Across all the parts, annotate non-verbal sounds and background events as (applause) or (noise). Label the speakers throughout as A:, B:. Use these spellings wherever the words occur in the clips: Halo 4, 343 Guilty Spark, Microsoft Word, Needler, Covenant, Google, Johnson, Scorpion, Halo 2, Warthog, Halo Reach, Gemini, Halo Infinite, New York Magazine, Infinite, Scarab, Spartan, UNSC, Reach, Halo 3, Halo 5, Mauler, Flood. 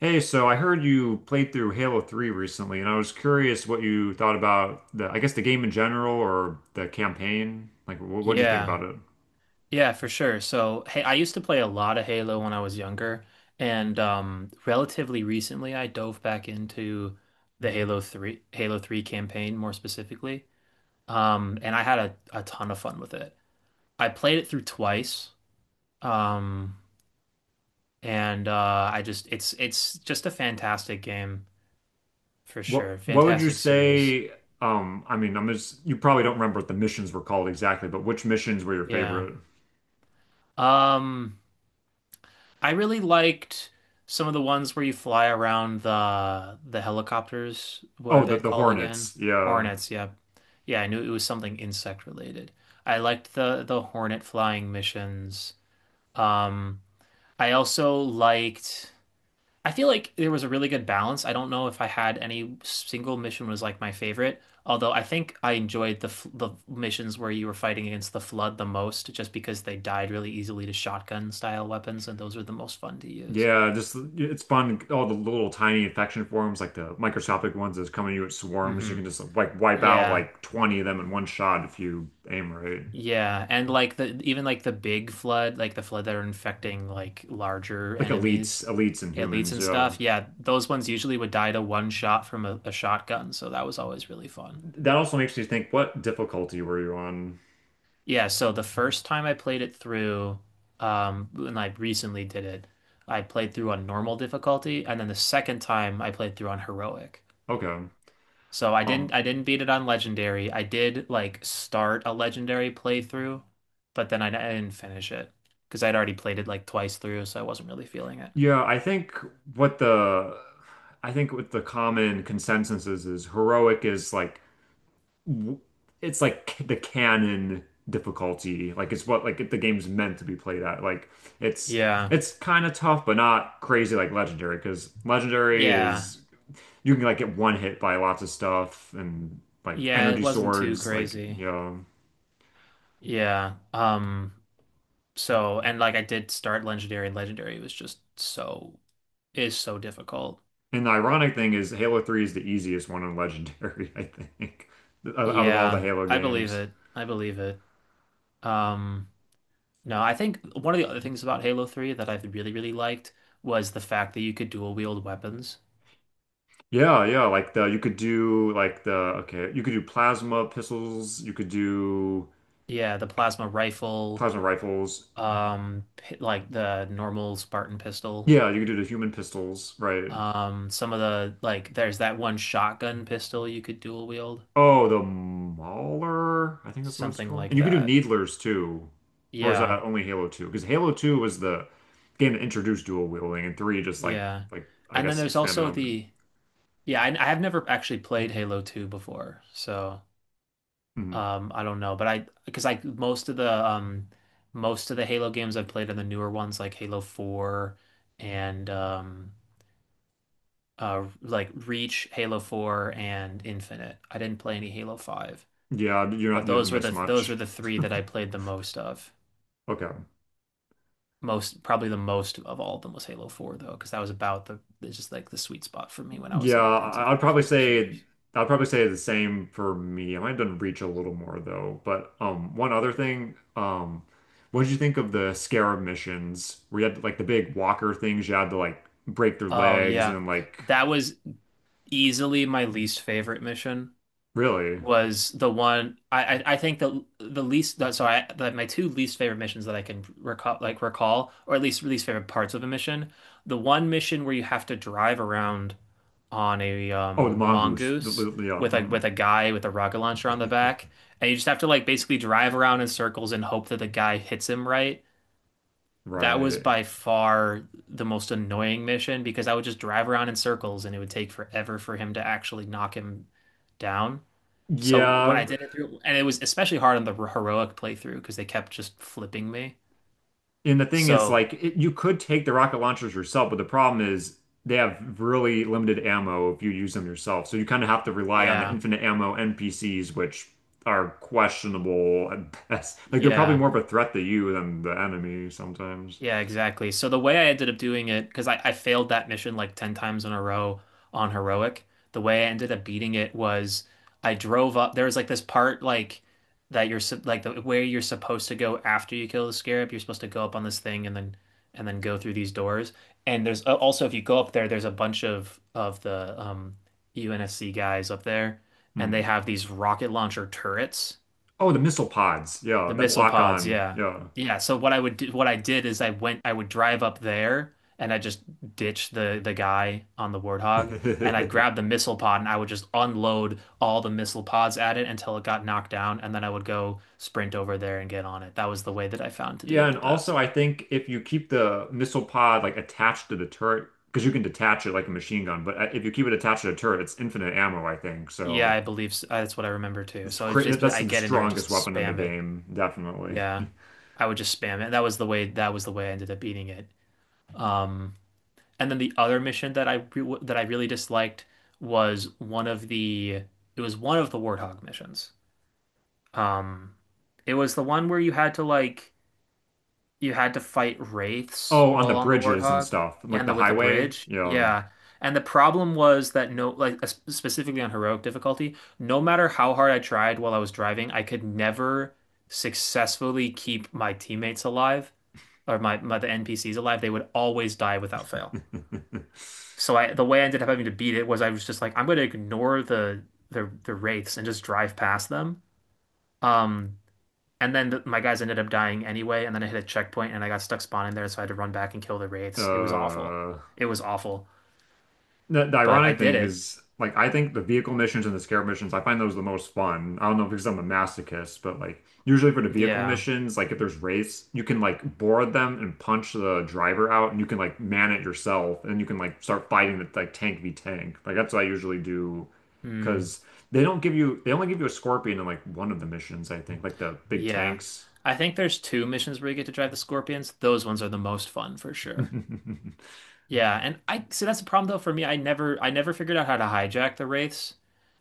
A: Hey, so I heard you played through Halo 3 recently, and I was curious what you thought about I guess the game in general or the campaign. Like, what'd you think
B: Yeah,
A: about it?
B: yeah, for sure. So, hey, I used to play a lot of Halo when I was younger, and relatively recently, I dove back into the Halo 3 campaign more specifically. And I had a ton of fun with it. I played it through twice. Um, and I just it's just a fantastic game for
A: What
B: sure.
A: what would you
B: Fantastic series.
A: say? I mean, I'm just you probably don't remember what the missions were called exactly, but which missions were your
B: Yeah.
A: favorite?
B: Um, I really liked some of the ones where you fly around the helicopters. What are
A: Oh, the
B: they
A: the
B: called again?
A: Hornets. Yeah,
B: Hornets, yeah. Yeah, I knew it was something insect related. I liked the hornet flying missions. Um, I also liked, I feel like there was a really good balance. I don't know if I had any single mission was like my favorite, although I think I enjoyed the missions where you were fighting against the flood the most just because they died really easily to shotgun style weapons and those were the most fun to use.
A: yeah. Just it's fun. All the little tiny infection forms, like the microscopic ones that's coming to you at swarms. You
B: hmm
A: can just like wipe out
B: Yeah.
A: like 20 of them in one shot if you aim right.
B: Yeah. And like the even like the big flood, like the flood that are infecting like larger
A: Like elites,
B: enemies,
A: elites and
B: elites
A: humans,
B: and
A: yeah.
B: stuff. Yeah, those ones usually would die to one shot from a shotgun, so that was always really fun.
A: That also makes me think, what difficulty were you on?
B: Yeah, so the first time I played it through, when I recently did it, I played through on normal difficulty, and then the second time I played through on heroic.
A: Okay.
B: So I didn't
A: Um,
B: I didn't beat it on legendary. I did like start a legendary playthrough, but then I didn't finish it because I'd already played it like twice through, so I wasn't really feeling it.
A: yeah, what the I think what the common consensus is heroic is like w- it's like the canon difficulty. Like it's what like the game's meant to be played at. Like it's
B: Yeah.
A: it's kind of tough but not crazy like legendary, because legendary
B: Yeah.
A: is you can like get one hit by lots of stuff and like
B: Yeah, it
A: energy
B: wasn't too
A: swords, like
B: crazy.
A: you know
B: Yeah. So and like I did start legendary and legendary was just is so difficult.
A: And the ironic thing is, Halo 3 is the easiest one in Legendary, (laughs) I think, out of all the
B: Yeah,
A: Halo
B: I believe
A: games.
B: it. I believe it. Um No, I think one of the other things about Halo 3 that I've really, really liked was the fact that you could dual wield weapons.
A: Yeah, yeah, like the you could do like the okay, you could do plasma pistols, you could do
B: Yeah, the plasma rifle,
A: plasma rifles.
B: like the normal Spartan pistol.
A: Yeah, you could do the human pistols, right?
B: Some of the like there's that one shotgun pistol you could dual wield,
A: Oh, the Mauler, I think that's what it's
B: something
A: called. And
B: like
A: you could do
B: that.
A: Needlers too. Or is that
B: Yeah,
A: only Halo 2? Because Halo 2 was the game that introduced dual wielding, and 3 just like
B: yeah.
A: like I
B: And then
A: guess
B: there's
A: expanded
B: also
A: on it.
B: the, yeah, I have never actually played Halo 2 before, so
A: Mhm.
B: I don't know, but I, because I most of the Halo games I've played are the newer ones like Halo 4 and like Reach, Halo 4 and Infinite. I didn't play any Halo 5,
A: Yeah,
B: but
A: you didn't
B: those were
A: miss
B: the those were
A: much.
B: the three that I played the most of.
A: Okay.
B: Most probably the most of all of them was Halo 4 though, because that was about the it's just like the sweet spot for me when I was
A: Yeah,
B: in, into first person shooters.
A: I'd probably say the same for me. I might have done Reach a little more though. But one other thing, what did you think of the Scarab missions where you had like the big walker things you had to like break their
B: Oh
A: legs
B: yeah.
A: and like?
B: That was easily my least favorite mission.
A: Really?
B: Was the one I think the least that so I that my two least favorite missions that I can recall like recall or at least least favorite parts of a mission. The one mission where you have to drive around on a
A: Oh, the mongoose.
B: mongoose
A: Yeah.
B: with like
A: Mhm.
B: with a guy with a rocket launcher on the back and you just have to like basically drive around in circles and hope that the guy hits him right. That was
A: Right.
B: by far the most annoying mission because I would just drive around in circles and it would take forever for him to actually knock him down. So when
A: Yeah,
B: I did it through, and it was especially hard on the heroic playthrough because they kept just flipping me.
A: and the thing is,
B: So
A: like, it, you could take the rocket launchers yourself, but the problem is they have really limited ammo if you use them yourself. So you kind of have to rely on the
B: yeah,
A: infinite ammo NPCs, which are questionable at (laughs) best. Like, they're probably
B: yeah.
A: more of a threat to you than the enemy sometimes.
B: Yeah, exactly. So the way I ended up doing it, because I failed that mission like 10 times in a row on heroic, the way I ended up beating it was I drove up. There was like this part like that like the where you're supposed to go after you kill the scarab. You're supposed to go up on this thing and then go through these doors. And there's also if you go up there, there's a bunch of the UNSC guys up there, and they
A: Hmm.
B: have these rocket launcher turrets.
A: Oh, the missile pods. Yeah,
B: The
A: that
B: missile
A: lock
B: pods,
A: on.
B: yeah.
A: Yeah.
B: Yeah, so what I would do, what I did is I would drive up there and I just ditched the guy on the Warthog and I'd grab the
A: (laughs)
B: missile pod and I would just unload all the missile pods at it until it got knocked down and then I would go sprint over there and get on it. That was the way that I found to do
A: Yeah,
B: it
A: and
B: the
A: also
B: best.
A: I think if you keep the missile pod like attached to the turret, because you can detach it like a machine gun, but if you keep it attached to the turret, it's infinite ammo, I think.
B: Yeah,
A: So
B: I believe s, that's what I remember too.
A: it's
B: So it's just
A: that's
B: I
A: the
B: get in there and just
A: strongest weapon in the
B: spam it.
A: game, definitely.
B: Yeah.
A: (laughs)
B: I would just spam it. That was the way I ended up beating it. Um And then the other mission that I re that I really disliked was one of the it was one of the Warthog missions. Um, it was the one where you had to like you had to fight wraiths
A: Oh, on the
B: while on the
A: bridges and
B: Warthog
A: stuff, like
B: and
A: the
B: the with the
A: highway.
B: bridge.
A: Yeah.
B: Yeah. And the problem was that no like specifically on heroic difficulty, no matter how hard I tried while I was driving, I could never successfully keep my teammates alive or my the NPCs alive. They would always die without fail,
A: (laughs)
B: so I the way I ended up having to beat it was I was just like I'm going to ignore the the wraiths and just drive past them. Um, and then the, my guys ended up dying anyway, and then I hit a checkpoint and I got stuck spawning there, so I had to run back and kill the wraiths. It was awful.
A: uh,
B: It was awful,
A: The
B: but I
A: ironic
B: did
A: thing
B: it.
A: is, like, I think the vehicle missions and the scarab missions, I find those the most fun. I don't know if because I'm a masochist, but like, usually for the vehicle
B: Yeah.
A: missions, like if there's race, you can like board them and punch the driver out, and you can like man it yourself, and you can like start fighting with like tank v tank. Like that's what I usually do,
B: Mm,
A: because they don't give you, they only give you a scorpion in like one of the missions, I think, like the big
B: yeah.
A: tanks.
B: I think there's two missions where you get to drive the scorpions. Those ones are the most fun for sure.
A: (laughs)
B: Yeah, and I so that's the problem though for me. I never figured out how to hijack the wraiths.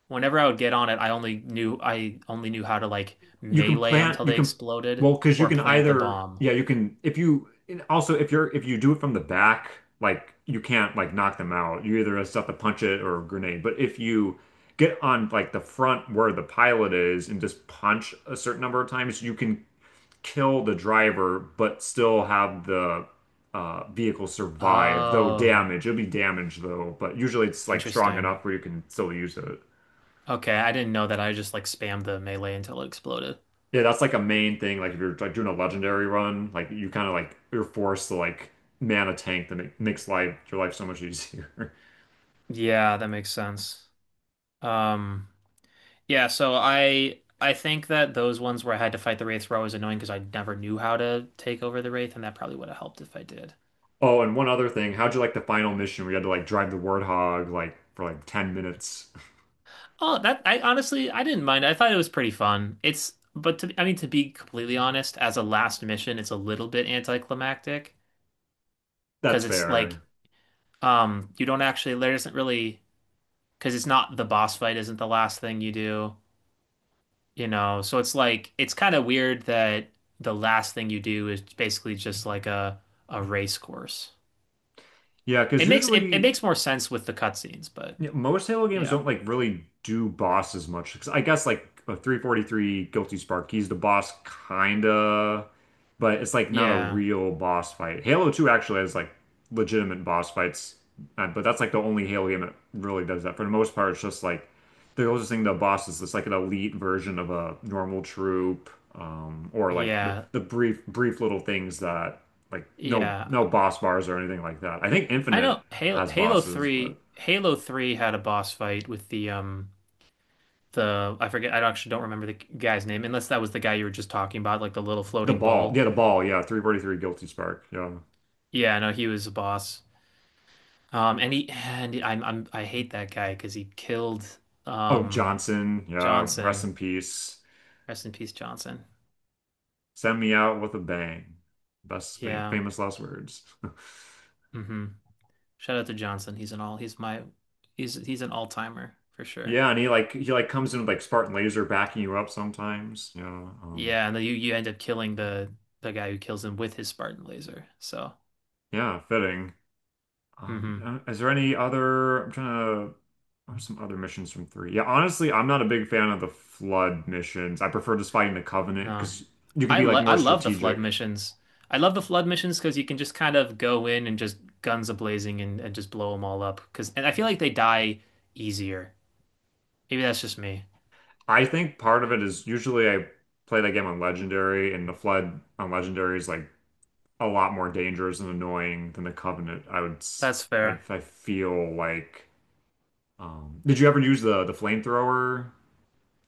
B: Whenever I would get on it, I only knew how to like
A: You can
B: melee them
A: plant,
B: till
A: you
B: they
A: can,
B: exploded
A: well, because you
B: or
A: can
B: plant the
A: either,
B: bomb.
A: yeah, you can, if you, and also if you're, if you do it from the back, like you can't like knock them out. You either just have to punch it or grenade. But if you get on like the front where the pilot is and just punch a certain number of times, you can kill the driver, but still have the vehicle survive, though
B: Oh,
A: damage. It'll be damaged though, but usually it's like strong
B: interesting.
A: enough where you can still use it.
B: Okay, I didn't know that. I just like spammed the melee until it exploded.
A: Yeah, that's like a main thing. Like if you're like doing a legendary run, like you kind of like you're forced to like man a tank that makes life your life so much easier. (laughs)
B: Yeah, that makes sense. Um, yeah, so I think that those ones where I had to fight the wraiths were always annoying because I never knew how to take over the wraith, and that probably would have helped if I did.
A: Oh, and one other thing, how'd you like the final mission where you had to like drive the Warthog like for like 10 minutes?
B: Oh, that I honestly I didn't mind. I thought it was pretty fun. It's but to I mean to be completely honest, as a last mission, it's a little bit anticlimactic
A: (laughs) That's
B: because it's like
A: fair.
B: you don't actually there isn't really, because it's not the boss fight isn't the last thing you do, you know. So it's like it's kind of weird that the last thing you do is basically just like a race course.
A: Yeah, because
B: It
A: usually
B: makes more sense with the cutscenes, but
A: yeah, most Halo games
B: yeah.
A: don't like really do bosses much. 'Cause I guess like 343 Guilty Spark, he's the boss kinda, but it's like not a
B: Yeah.
A: real boss fight. Halo 2 actually has like legitimate boss fights, but that's like the only Halo game that really does that. For the most part, it's just like the closest thing to a boss is just like an elite version of a normal troop, or like
B: Yeah.
A: the brief little things that like
B: Yeah.
A: no boss bars or anything like that. I think
B: I
A: Infinite
B: know Halo
A: has
B: Halo
A: bosses,
B: 3
A: but.
B: Halo 3 had a boss fight with the I forget I actually don't remember the guy's name unless that was the guy you were just talking about like the little
A: The
B: floating
A: ball.
B: ball.
A: Yeah, the ball. Yeah, 343 Guilty Spark. Yeah.
B: Yeah, no, he was a boss. And he and I hate that guy because he killed
A: Oh,
B: um
A: Johnson. Yeah, rest
B: Johnson.
A: in peace.
B: Rest in peace, Johnson.
A: Send me out with a bang. Best
B: Yeah.
A: famous last words. (laughs)
B: hmm Shout out to Johnson. He's my he's an all-timer for sure.
A: Yeah, and he he like comes in with like Spartan laser backing you up sometimes. Yeah,
B: Yeah, and then you end up killing the guy who kills him with his Spartan laser. So,
A: yeah, fitting.
B: mhm.
A: Um, is there any other? I'm trying to. What are some other missions from three? Yeah, honestly, I'm not a big fan of the flood missions. I prefer just fighting the Covenant
B: No.
A: because you can be like
B: I
A: more
B: love the flood
A: strategic.
B: missions. I love the flood missions because you can just kind of go in and just guns a blazing and just blow them all up. Because and I feel like they die easier. Maybe that's just me.
A: I think part of it is usually I play that game on Legendary, and the Flood on Legendary is like a lot more dangerous and annoying than the Covenant.
B: That's fair.
A: I feel like. Did you ever use the flamethrower?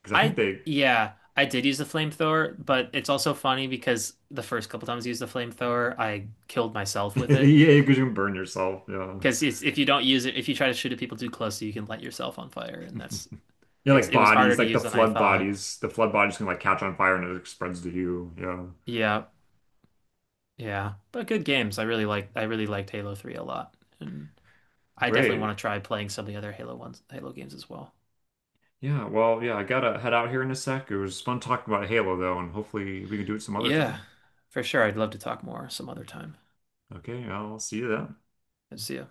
A: Because I think
B: I
A: they,
B: yeah, I did use the flamethrower, but it's also funny because the first couple times I used the flamethrower, I killed
A: (laughs)
B: myself
A: yeah,
B: with it.
A: because you can burn yourself. Yeah,
B: Because it's if you don't use it, if you try to shoot at people too close, you can light yourself on fire, and that's
A: yeah,
B: it's
A: like
B: it was harder
A: bodies,
B: to
A: like the
B: use than I
A: Flood
B: thought.
A: bodies. The Flood bodies can like catch on fire and it spreads to you. Yeah,
B: Yeah. Yeah, but good games. I really liked Halo 3 a lot. And I definitely
A: great.
B: want to try playing some of the other Halo games as well.
A: Yeah, well, yeah, I gotta head out here in a sec. It was fun talking about Halo though, and hopefully we can do it some other
B: Yeah,
A: time.
B: for sure. I'd love to talk more some other time.
A: Okay, I'll see you then.
B: See ya.